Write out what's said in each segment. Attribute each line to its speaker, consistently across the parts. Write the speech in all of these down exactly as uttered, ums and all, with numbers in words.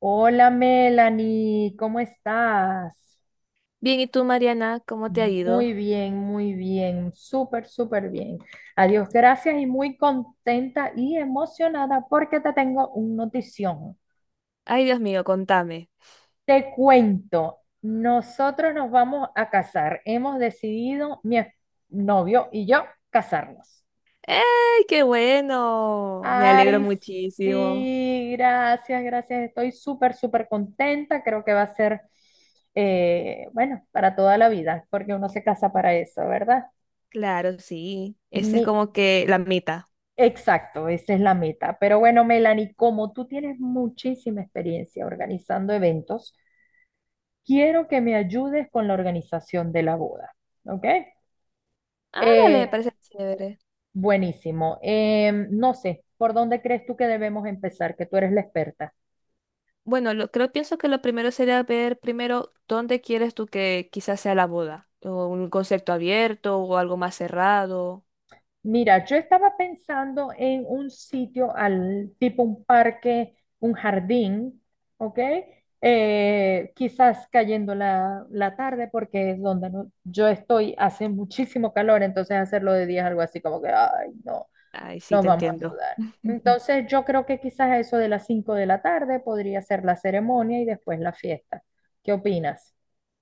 Speaker 1: Hola Melanie, ¿cómo estás?
Speaker 2: Bien, ¿y tú, Mariana? ¿Cómo te ha
Speaker 1: Muy
Speaker 2: ido?
Speaker 1: bien, muy bien, súper, súper bien. Adiós, gracias y muy contenta y emocionada porque te tengo un notición.
Speaker 2: Ay, Dios mío, contame.
Speaker 1: Te cuento, nosotros nos vamos a casar. Hemos decidido, mi novio y yo, casarnos.
Speaker 2: ¡Ey, qué bueno! Me alegro
Speaker 1: Ay,
Speaker 2: muchísimo.
Speaker 1: sí, gracias, gracias. Estoy súper, súper contenta. Creo que va a ser, eh, bueno, para toda la vida, porque uno se casa para eso, ¿verdad?
Speaker 2: Claro, sí. Esa es
Speaker 1: Mi,
Speaker 2: como que la mitad.
Speaker 1: exacto, esa es la meta. Pero bueno, Melanie, como tú tienes muchísima experiencia organizando eventos, quiero que me ayudes con la organización de la boda, ¿ok?
Speaker 2: Ah, dale, me
Speaker 1: Eh,
Speaker 2: parece chévere.
Speaker 1: Buenísimo. Em, no sé, ¿por dónde crees tú que debemos empezar? Que tú eres la experta.
Speaker 2: Bueno, lo, creo, pienso que lo primero sería ver primero dónde quieres tú que quizás sea la boda. O un concepto abierto o algo más cerrado.
Speaker 1: Mira, yo estaba pensando en un sitio al tipo un parque, un jardín, ¿ok? Eh, quizás cayendo la, la tarde porque es donde no- yo estoy, hace muchísimo calor, entonces hacerlo de día es algo así como que, ay, no,
Speaker 2: Ay, sí,
Speaker 1: nos
Speaker 2: te
Speaker 1: vamos a
Speaker 2: entiendo.
Speaker 1: sudar. Entonces yo creo que quizás eso de las cinco de la tarde podría ser la ceremonia y después la fiesta. ¿Qué opinas?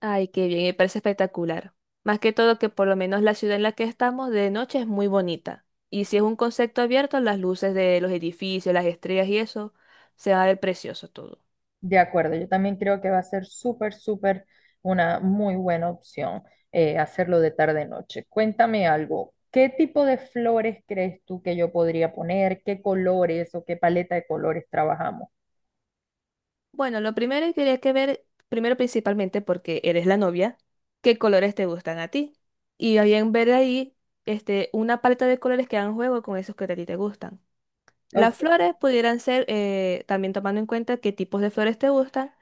Speaker 2: Ay, qué bien, me parece espectacular. Más que todo que por lo menos la ciudad en la que estamos de noche es muy bonita. Y si es un concepto abierto, las luces de los edificios, las estrellas y eso, se va a ver precioso todo.
Speaker 1: De acuerdo, yo también creo que va a ser súper, súper una muy buena opción eh, hacerlo de tarde-noche. Cuéntame algo, ¿qué tipo de flores crees tú que yo podría poner? ¿Qué colores o qué paleta de colores trabajamos?
Speaker 2: Bueno, lo primero que quería que ver, primero principalmente porque eres la novia, qué colores te gustan a ti. Y bien ver ahí este, una paleta de colores que hagan juego con esos que a ti te gustan. Las
Speaker 1: Ok,
Speaker 2: flores pudieran ser, eh, también tomando en cuenta qué tipos de flores te gustan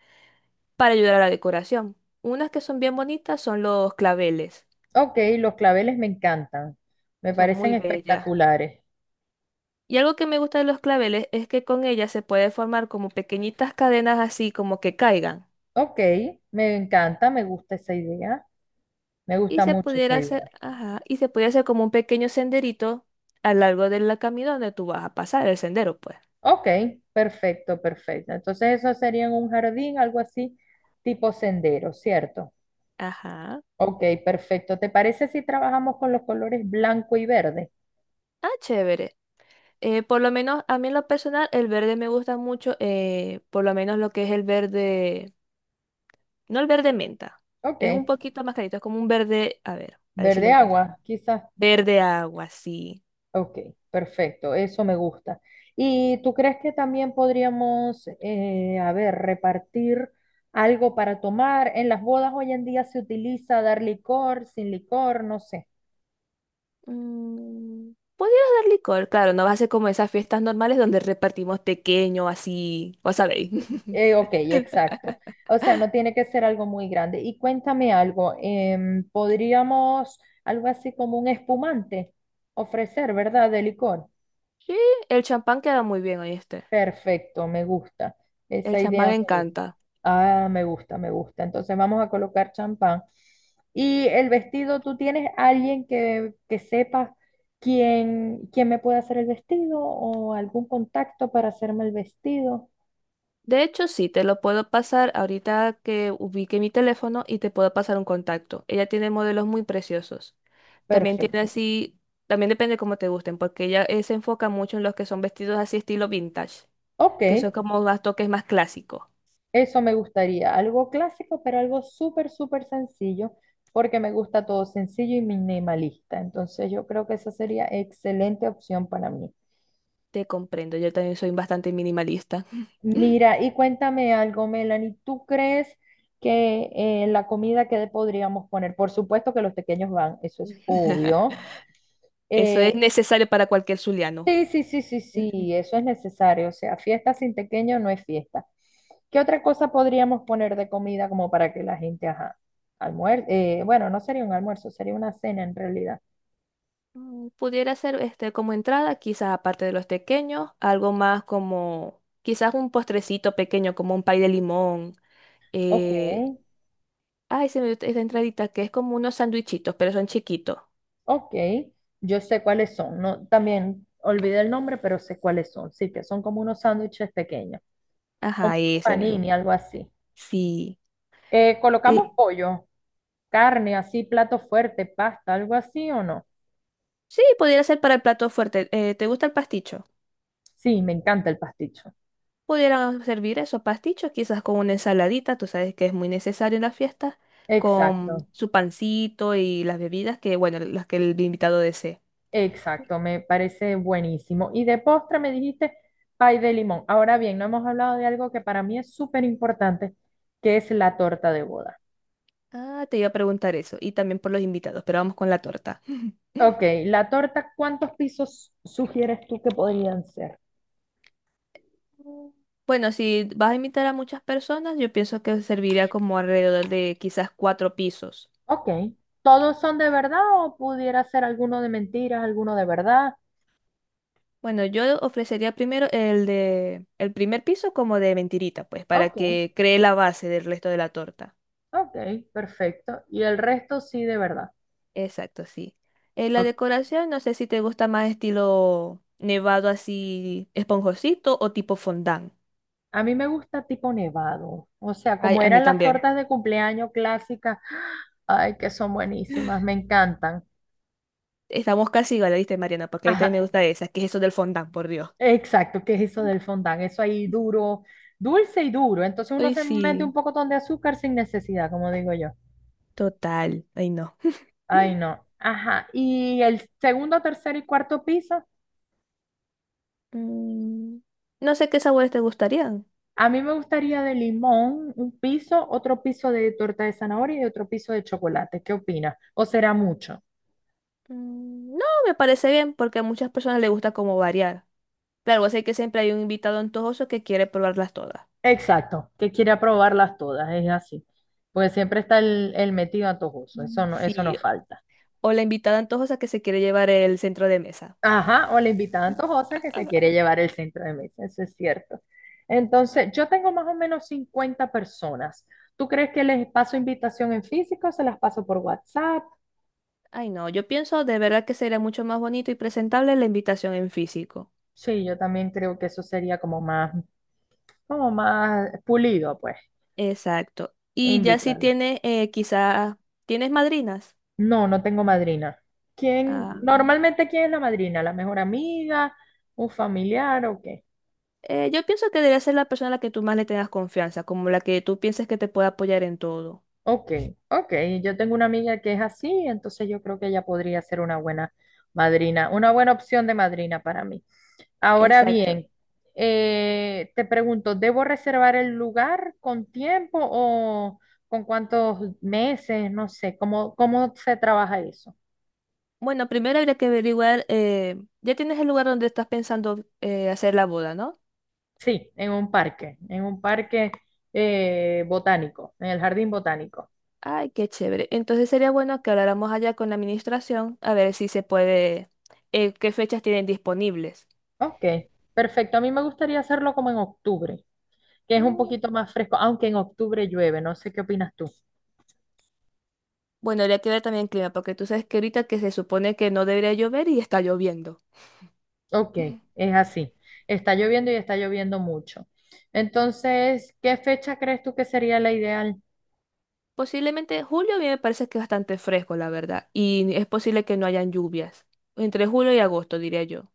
Speaker 2: para ayudar a la decoración. Unas que son bien bonitas son los claveles,
Speaker 1: ok, los claveles me encantan, me
Speaker 2: son
Speaker 1: parecen
Speaker 2: muy bellas.
Speaker 1: espectaculares.
Speaker 2: Y algo que me gusta de los claveles es que con ellas se puede formar como pequeñitas cadenas así como que caigan.
Speaker 1: Ok, me encanta, me gusta esa idea, me
Speaker 2: Y
Speaker 1: gusta
Speaker 2: se
Speaker 1: mucho esa
Speaker 2: pudiera hacer,
Speaker 1: idea.
Speaker 2: ajá, y se pudiera hacer como un pequeño senderito a lo largo del camino donde tú vas a pasar, el sendero, pues.
Speaker 1: Ok, perfecto, perfecto. Entonces eso sería en un jardín, algo así, tipo sendero, ¿cierto?
Speaker 2: Ajá.
Speaker 1: Ok, perfecto. ¿Te parece si trabajamos con los colores blanco y verde?
Speaker 2: Ah, chévere. Eh, por lo menos a mí en lo personal el verde me gusta mucho, eh, por lo menos lo que es el verde. No el verde menta.
Speaker 1: Ok,
Speaker 2: Es un poquito más clarito. Es como un verde. A ver, a ver si lo
Speaker 1: verde
Speaker 2: encuentro.
Speaker 1: agua, quizás.
Speaker 2: Verde agua, sí.
Speaker 1: Ok, perfecto, eso me gusta. ¿Y tú crees que también podríamos, eh, a ver, repartir algo para tomar? En las bodas hoy en día se utiliza dar licor, sin licor, no sé.
Speaker 2: Mm, podrías dar licor. Claro, no va a ser como esas fiestas normales donde repartimos pequeño, así. Vos sabéis.
Speaker 1: Eh, ok, exacto. O sea, no tiene que ser algo muy grande. Y cuéntame algo, em, podríamos algo así como un espumante ofrecer, ¿verdad? De licor.
Speaker 2: Sí, el champán queda muy bien, ¿oíste?
Speaker 1: Perfecto, me gusta.
Speaker 2: El
Speaker 1: Esa
Speaker 2: champán
Speaker 1: idea me gusta.
Speaker 2: encanta.
Speaker 1: Ah, me gusta, me gusta. Entonces vamos a colocar champán. Y el vestido, ¿tú tienes alguien que, que sepa quién, quién me puede hacer el vestido o algún contacto para hacerme el vestido?
Speaker 2: De hecho, sí, te lo puedo pasar ahorita que ubique mi teléfono y te puedo pasar un contacto. Ella tiene modelos muy preciosos. También tiene
Speaker 1: Perfecto.
Speaker 2: así, también depende cómo te gusten, porque ella eh, se enfoca mucho en los que son vestidos así estilo vintage,
Speaker 1: Ok,
Speaker 2: que son como más toques más clásicos.
Speaker 1: eso me gustaría. Algo clásico, pero algo súper, súper sencillo, porque me gusta todo sencillo y minimalista. Entonces yo creo que esa sería excelente opción para mí.
Speaker 2: Te comprendo, yo también soy bastante minimalista.
Speaker 1: Mira, y cuéntame algo, Melanie, ¿tú crees que eh, la comida que le podríamos poner? Por supuesto que los pequeños van, eso es obvio.
Speaker 2: Eso es
Speaker 1: Eh,
Speaker 2: necesario para cualquier zuliano.
Speaker 1: sí, sí, sí, sí,
Speaker 2: Ujú.
Speaker 1: sí, eso es necesario. O sea, fiesta sin pequeño no es fiesta. ¿Qué otra cosa podríamos poner de comida como para que la gente, ajá, almuerce? Bueno, no sería un almuerzo, sería una cena en realidad.
Speaker 2: Mm, pudiera ser este como entrada, quizás aparte de los pequeños, algo más como quizás un postrecito pequeño, como un pay de limón.
Speaker 1: Ok,
Speaker 2: Eh, Ay, se me dio esa entradita que es como unos sandwichitos, pero son chiquitos.
Speaker 1: ok, yo sé cuáles son. No, también olvidé el nombre, pero sé cuáles son. Sí, que son como unos sándwiches pequeños. Un
Speaker 2: Ajá, ese mismo.
Speaker 1: panini, algo así.
Speaker 2: Sí.
Speaker 1: Eh, colocamos
Speaker 2: Eh,
Speaker 1: pollo, carne, así, plato fuerte, pasta, algo así o no.
Speaker 2: sí, pudiera ser para el plato fuerte. Eh, ¿te gusta el pasticho?
Speaker 1: Sí, me encanta el pasticho.
Speaker 2: Pudieran servir esos pastichos, quizás con una ensaladita, tú sabes que es muy necesario en las fiestas, con
Speaker 1: Exacto,
Speaker 2: su pancito y las bebidas que, bueno, las que el invitado desee.
Speaker 1: exacto, me parece buenísimo. Y de postre me dijiste pay de limón. Ahora bien, no hemos hablado de algo que para mí es súper importante, que es la torta de boda.
Speaker 2: Ah, te iba a preguntar eso, y también por los invitados, pero vamos con la torta.
Speaker 1: Ok, la torta, ¿cuántos pisos sugieres tú que podrían ser?
Speaker 2: Bueno, si vas a invitar a muchas personas, yo pienso que serviría como alrededor de quizás cuatro pisos.
Speaker 1: Ok, ¿todos son de verdad o pudiera ser alguno de mentiras, alguno de verdad?
Speaker 2: Bueno, yo ofrecería primero el de el primer piso como de mentirita, pues, para
Speaker 1: Ok,
Speaker 2: que cree la base del resto de la torta.
Speaker 1: ok, perfecto. Y el resto sí, de verdad.
Speaker 2: Exacto, sí. Eh, la
Speaker 1: Ok.
Speaker 2: decoración, no sé si te gusta más estilo nevado así esponjosito o tipo fondant.
Speaker 1: A mí me gusta tipo nevado. O sea,
Speaker 2: Ay,
Speaker 1: como
Speaker 2: a mí
Speaker 1: eran las
Speaker 2: también.
Speaker 1: tortas de cumpleaños clásicas. Ay, que son buenísimas, me encantan.
Speaker 2: Estamos casi igual, ¿viste, Mariana? Porque a mí también me
Speaker 1: Ajá,
Speaker 2: gusta esa, que es eso del fondant, por Dios.
Speaker 1: exacto, ¿qué es eso del fondant? Eso ahí duro, dulce y duro. Entonces uno
Speaker 2: Ay,
Speaker 1: se mete un
Speaker 2: sí,
Speaker 1: pocotón de azúcar sin necesidad, como digo yo.
Speaker 2: total. Ay, no.
Speaker 1: Ay, no. Ajá. ¿Y el segundo, tercero y cuarto piso?
Speaker 2: Mm, no sé qué sabores te gustarían.
Speaker 1: A mí me gustaría de limón un piso, otro piso de torta de zanahoria y otro piso de chocolate. ¿Qué opinas? ¿O será mucho?
Speaker 2: Mm, no, me parece bien porque a muchas personas les gusta como variar. Claro, sé que siempre hay un invitado antojoso que quiere probarlas todas.
Speaker 1: Exacto, que quiere probarlas todas, es así. Porque siempre está el, el metido antojoso, eso
Speaker 2: Mm.
Speaker 1: no, eso no
Speaker 2: Sí,
Speaker 1: falta.
Speaker 2: o la invitada antojosa que se quiere llevar el centro de mesa.
Speaker 1: Ajá, o la invitada antojosa que se quiere llevar el centro de mesa, eso es cierto. Entonces, yo tengo más o menos cincuenta personas. ¿Tú crees que les paso invitación en físico? ¿O se las paso por WhatsApp?
Speaker 2: Ay, no, yo pienso de verdad que sería mucho más bonito y presentable la invitación en físico.
Speaker 1: Sí, yo también creo que eso sería como más, como más pulido, pues.
Speaker 2: Exacto.
Speaker 1: E
Speaker 2: Y ya si
Speaker 1: invitarla.
Speaker 2: tienes, eh, quizás, ¿tienes madrinas?
Speaker 1: No, no tengo madrina. ¿Quién?
Speaker 2: Ah,
Speaker 1: Normalmente, ¿quién es la madrina? ¿La mejor amiga? ¿Un familiar o qué?
Speaker 2: Eh, yo pienso que debería ser la persona a la que tú más le tengas confianza, como la que tú pienses que te puede apoyar en todo.
Speaker 1: Ok, ok. Yo tengo una amiga que es así, entonces yo creo que ella podría ser una buena madrina, una buena opción de madrina para mí. Ahora
Speaker 2: Exacto.
Speaker 1: bien, eh, te pregunto, ¿debo reservar el lugar con tiempo o con cuántos meses? No sé, ¿cómo, cómo se trabaja eso?
Speaker 2: Bueno, primero habría que averiguar, eh, ya tienes el lugar donde estás pensando eh, hacer la boda, ¿no?
Speaker 1: Sí, en un parque, en un parque eh, botánico, en el jardín botánico.
Speaker 2: Ay, qué chévere. Entonces sería bueno que habláramos allá con la administración a ver si se puede, eh, qué fechas tienen disponibles.
Speaker 1: Ok, perfecto. A mí me gustaría hacerlo como en octubre, que es un
Speaker 2: Mm.
Speaker 1: poquito más fresco, aunque en octubre llueve, no sé qué opinas tú.
Speaker 2: Bueno, habría que ver también el clima, porque tú sabes que ahorita que se supone que no debería llover y está lloviendo.
Speaker 1: Ok, es así. Está lloviendo y está lloviendo mucho. Entonces, ¿qué fecha crees tú que sería la ideal?
Speaker 2: Posiblemente julio a mí me parece que es bastante fresco, la verdad, y es posible que no hayan lluvias, entre julio y agosto, diría yo.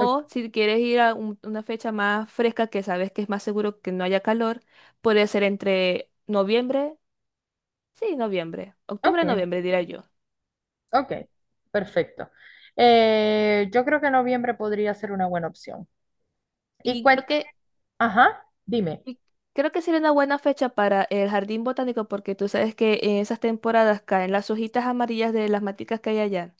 Speaker 1: O-
Speaker 2: si quieres ir a un- una fecha más fresca que sabes que es más seguro que no haya calor, puede ser entre noviembre, sí, noviembre,
Speaker 1: Ok,
Speaker 2: octubre, noviembre, diría yo.
Speaker 1: ok, perfecto. Eh, yo creo que noviembre podría ser una buena opción. Y
Speaker 2: Y creo
Speaker 1: cuenta,
Speaker 2: que,
Speaker 1: ajá, dime.
Speaker 2: y creo que sería una buena fecha para el jardín botánico porque tú sabes que en esas temporadas caen las hojitas amarillas de las maticas que hay allá.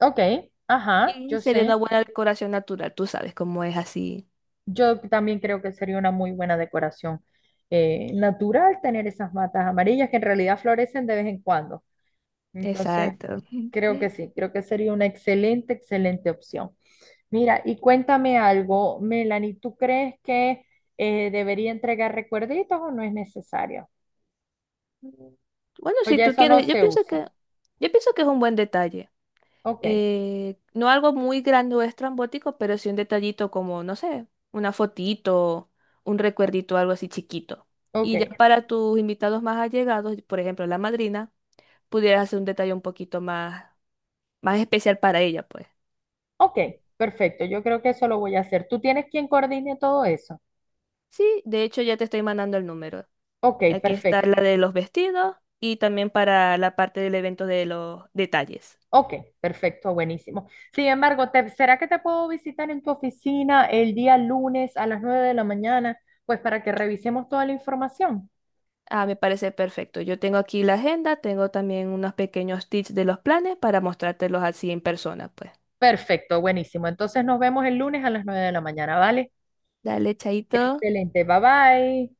Speaker 1: Ok, ajá,
Speaker 2: Y
Speaker 1: yo
Speaker 2: sería una
Speaker 1: sé.
Speaker 2: buena decoración natural, tú sabes cómo es así.
Speaker 1: Yo también creo que sería una muy buena decoración eh, natural tener esas matas amarillas que en realidad florecen de vez en cuando. Entonces,
Speaker 2: Exacto.
Speaker 1: creo que sí, creo que sería una excelente, excelente opción. Mira, y cuéntame algo, Melanie, ¿tú crees que eh, debería entregar recuerditos o no es necesario?
Speaker 2: Bueno, si
Speaker 1: Oye,
Speaker 2: tú
Speaker 1: eso no
Speaker 2: quieres, yo
Speaker 1: se
Speaker 2: pienso
Speaker 1: usa.
Speaker 2: que, yo pienso que es un buen detalle.
Speaker 1: Ok,
Speaker 2: Eh, no algo muy grande o estrambótico, pero sí un detallito como, no sé, una fotito, un recuerdito, algo así chiquito.
Speaker 1: ok,
Speaker 2: Y ya para tus invitados más allegados, por ejemplo, la madrina, pudieras hacer un detalle un poquito más, más especial para ella, pues.
Speaker 1: ok, perfecto. Yo creo que eso lo voy a hacer. ¿Tú tienes quien coordine todo eso?
Speaker 2: Sí, de hecho ya te estoy mandando el número.
Speaker 1: Ok,
Speaker 2: Aquí está
Speaker 1: perfecto.
Speaker 2: la de los vestidos y también para la parte del evento de los detalles.
Speaker 1: Ok, perfecto, buenísimo. Sin embargo, te- ¿será que te puedo visitar en tu oficina el día lunes a las nueve de la mañana? Pues para que revisemos toda la información.
Speaker 2: Ah, me parece perfecto. Yo tengo aquí la agenda, tengo también unos pequeños tips de los planes para mostrártelos así en persona, pues.
Speaker 1: Perfecto, buenísimo. Entonces nos vemos el lunes a las nueve de la mañana, ¿vale?
Speaker 2: Dale, chaito.
Speaker 1: Excelente, bye bye.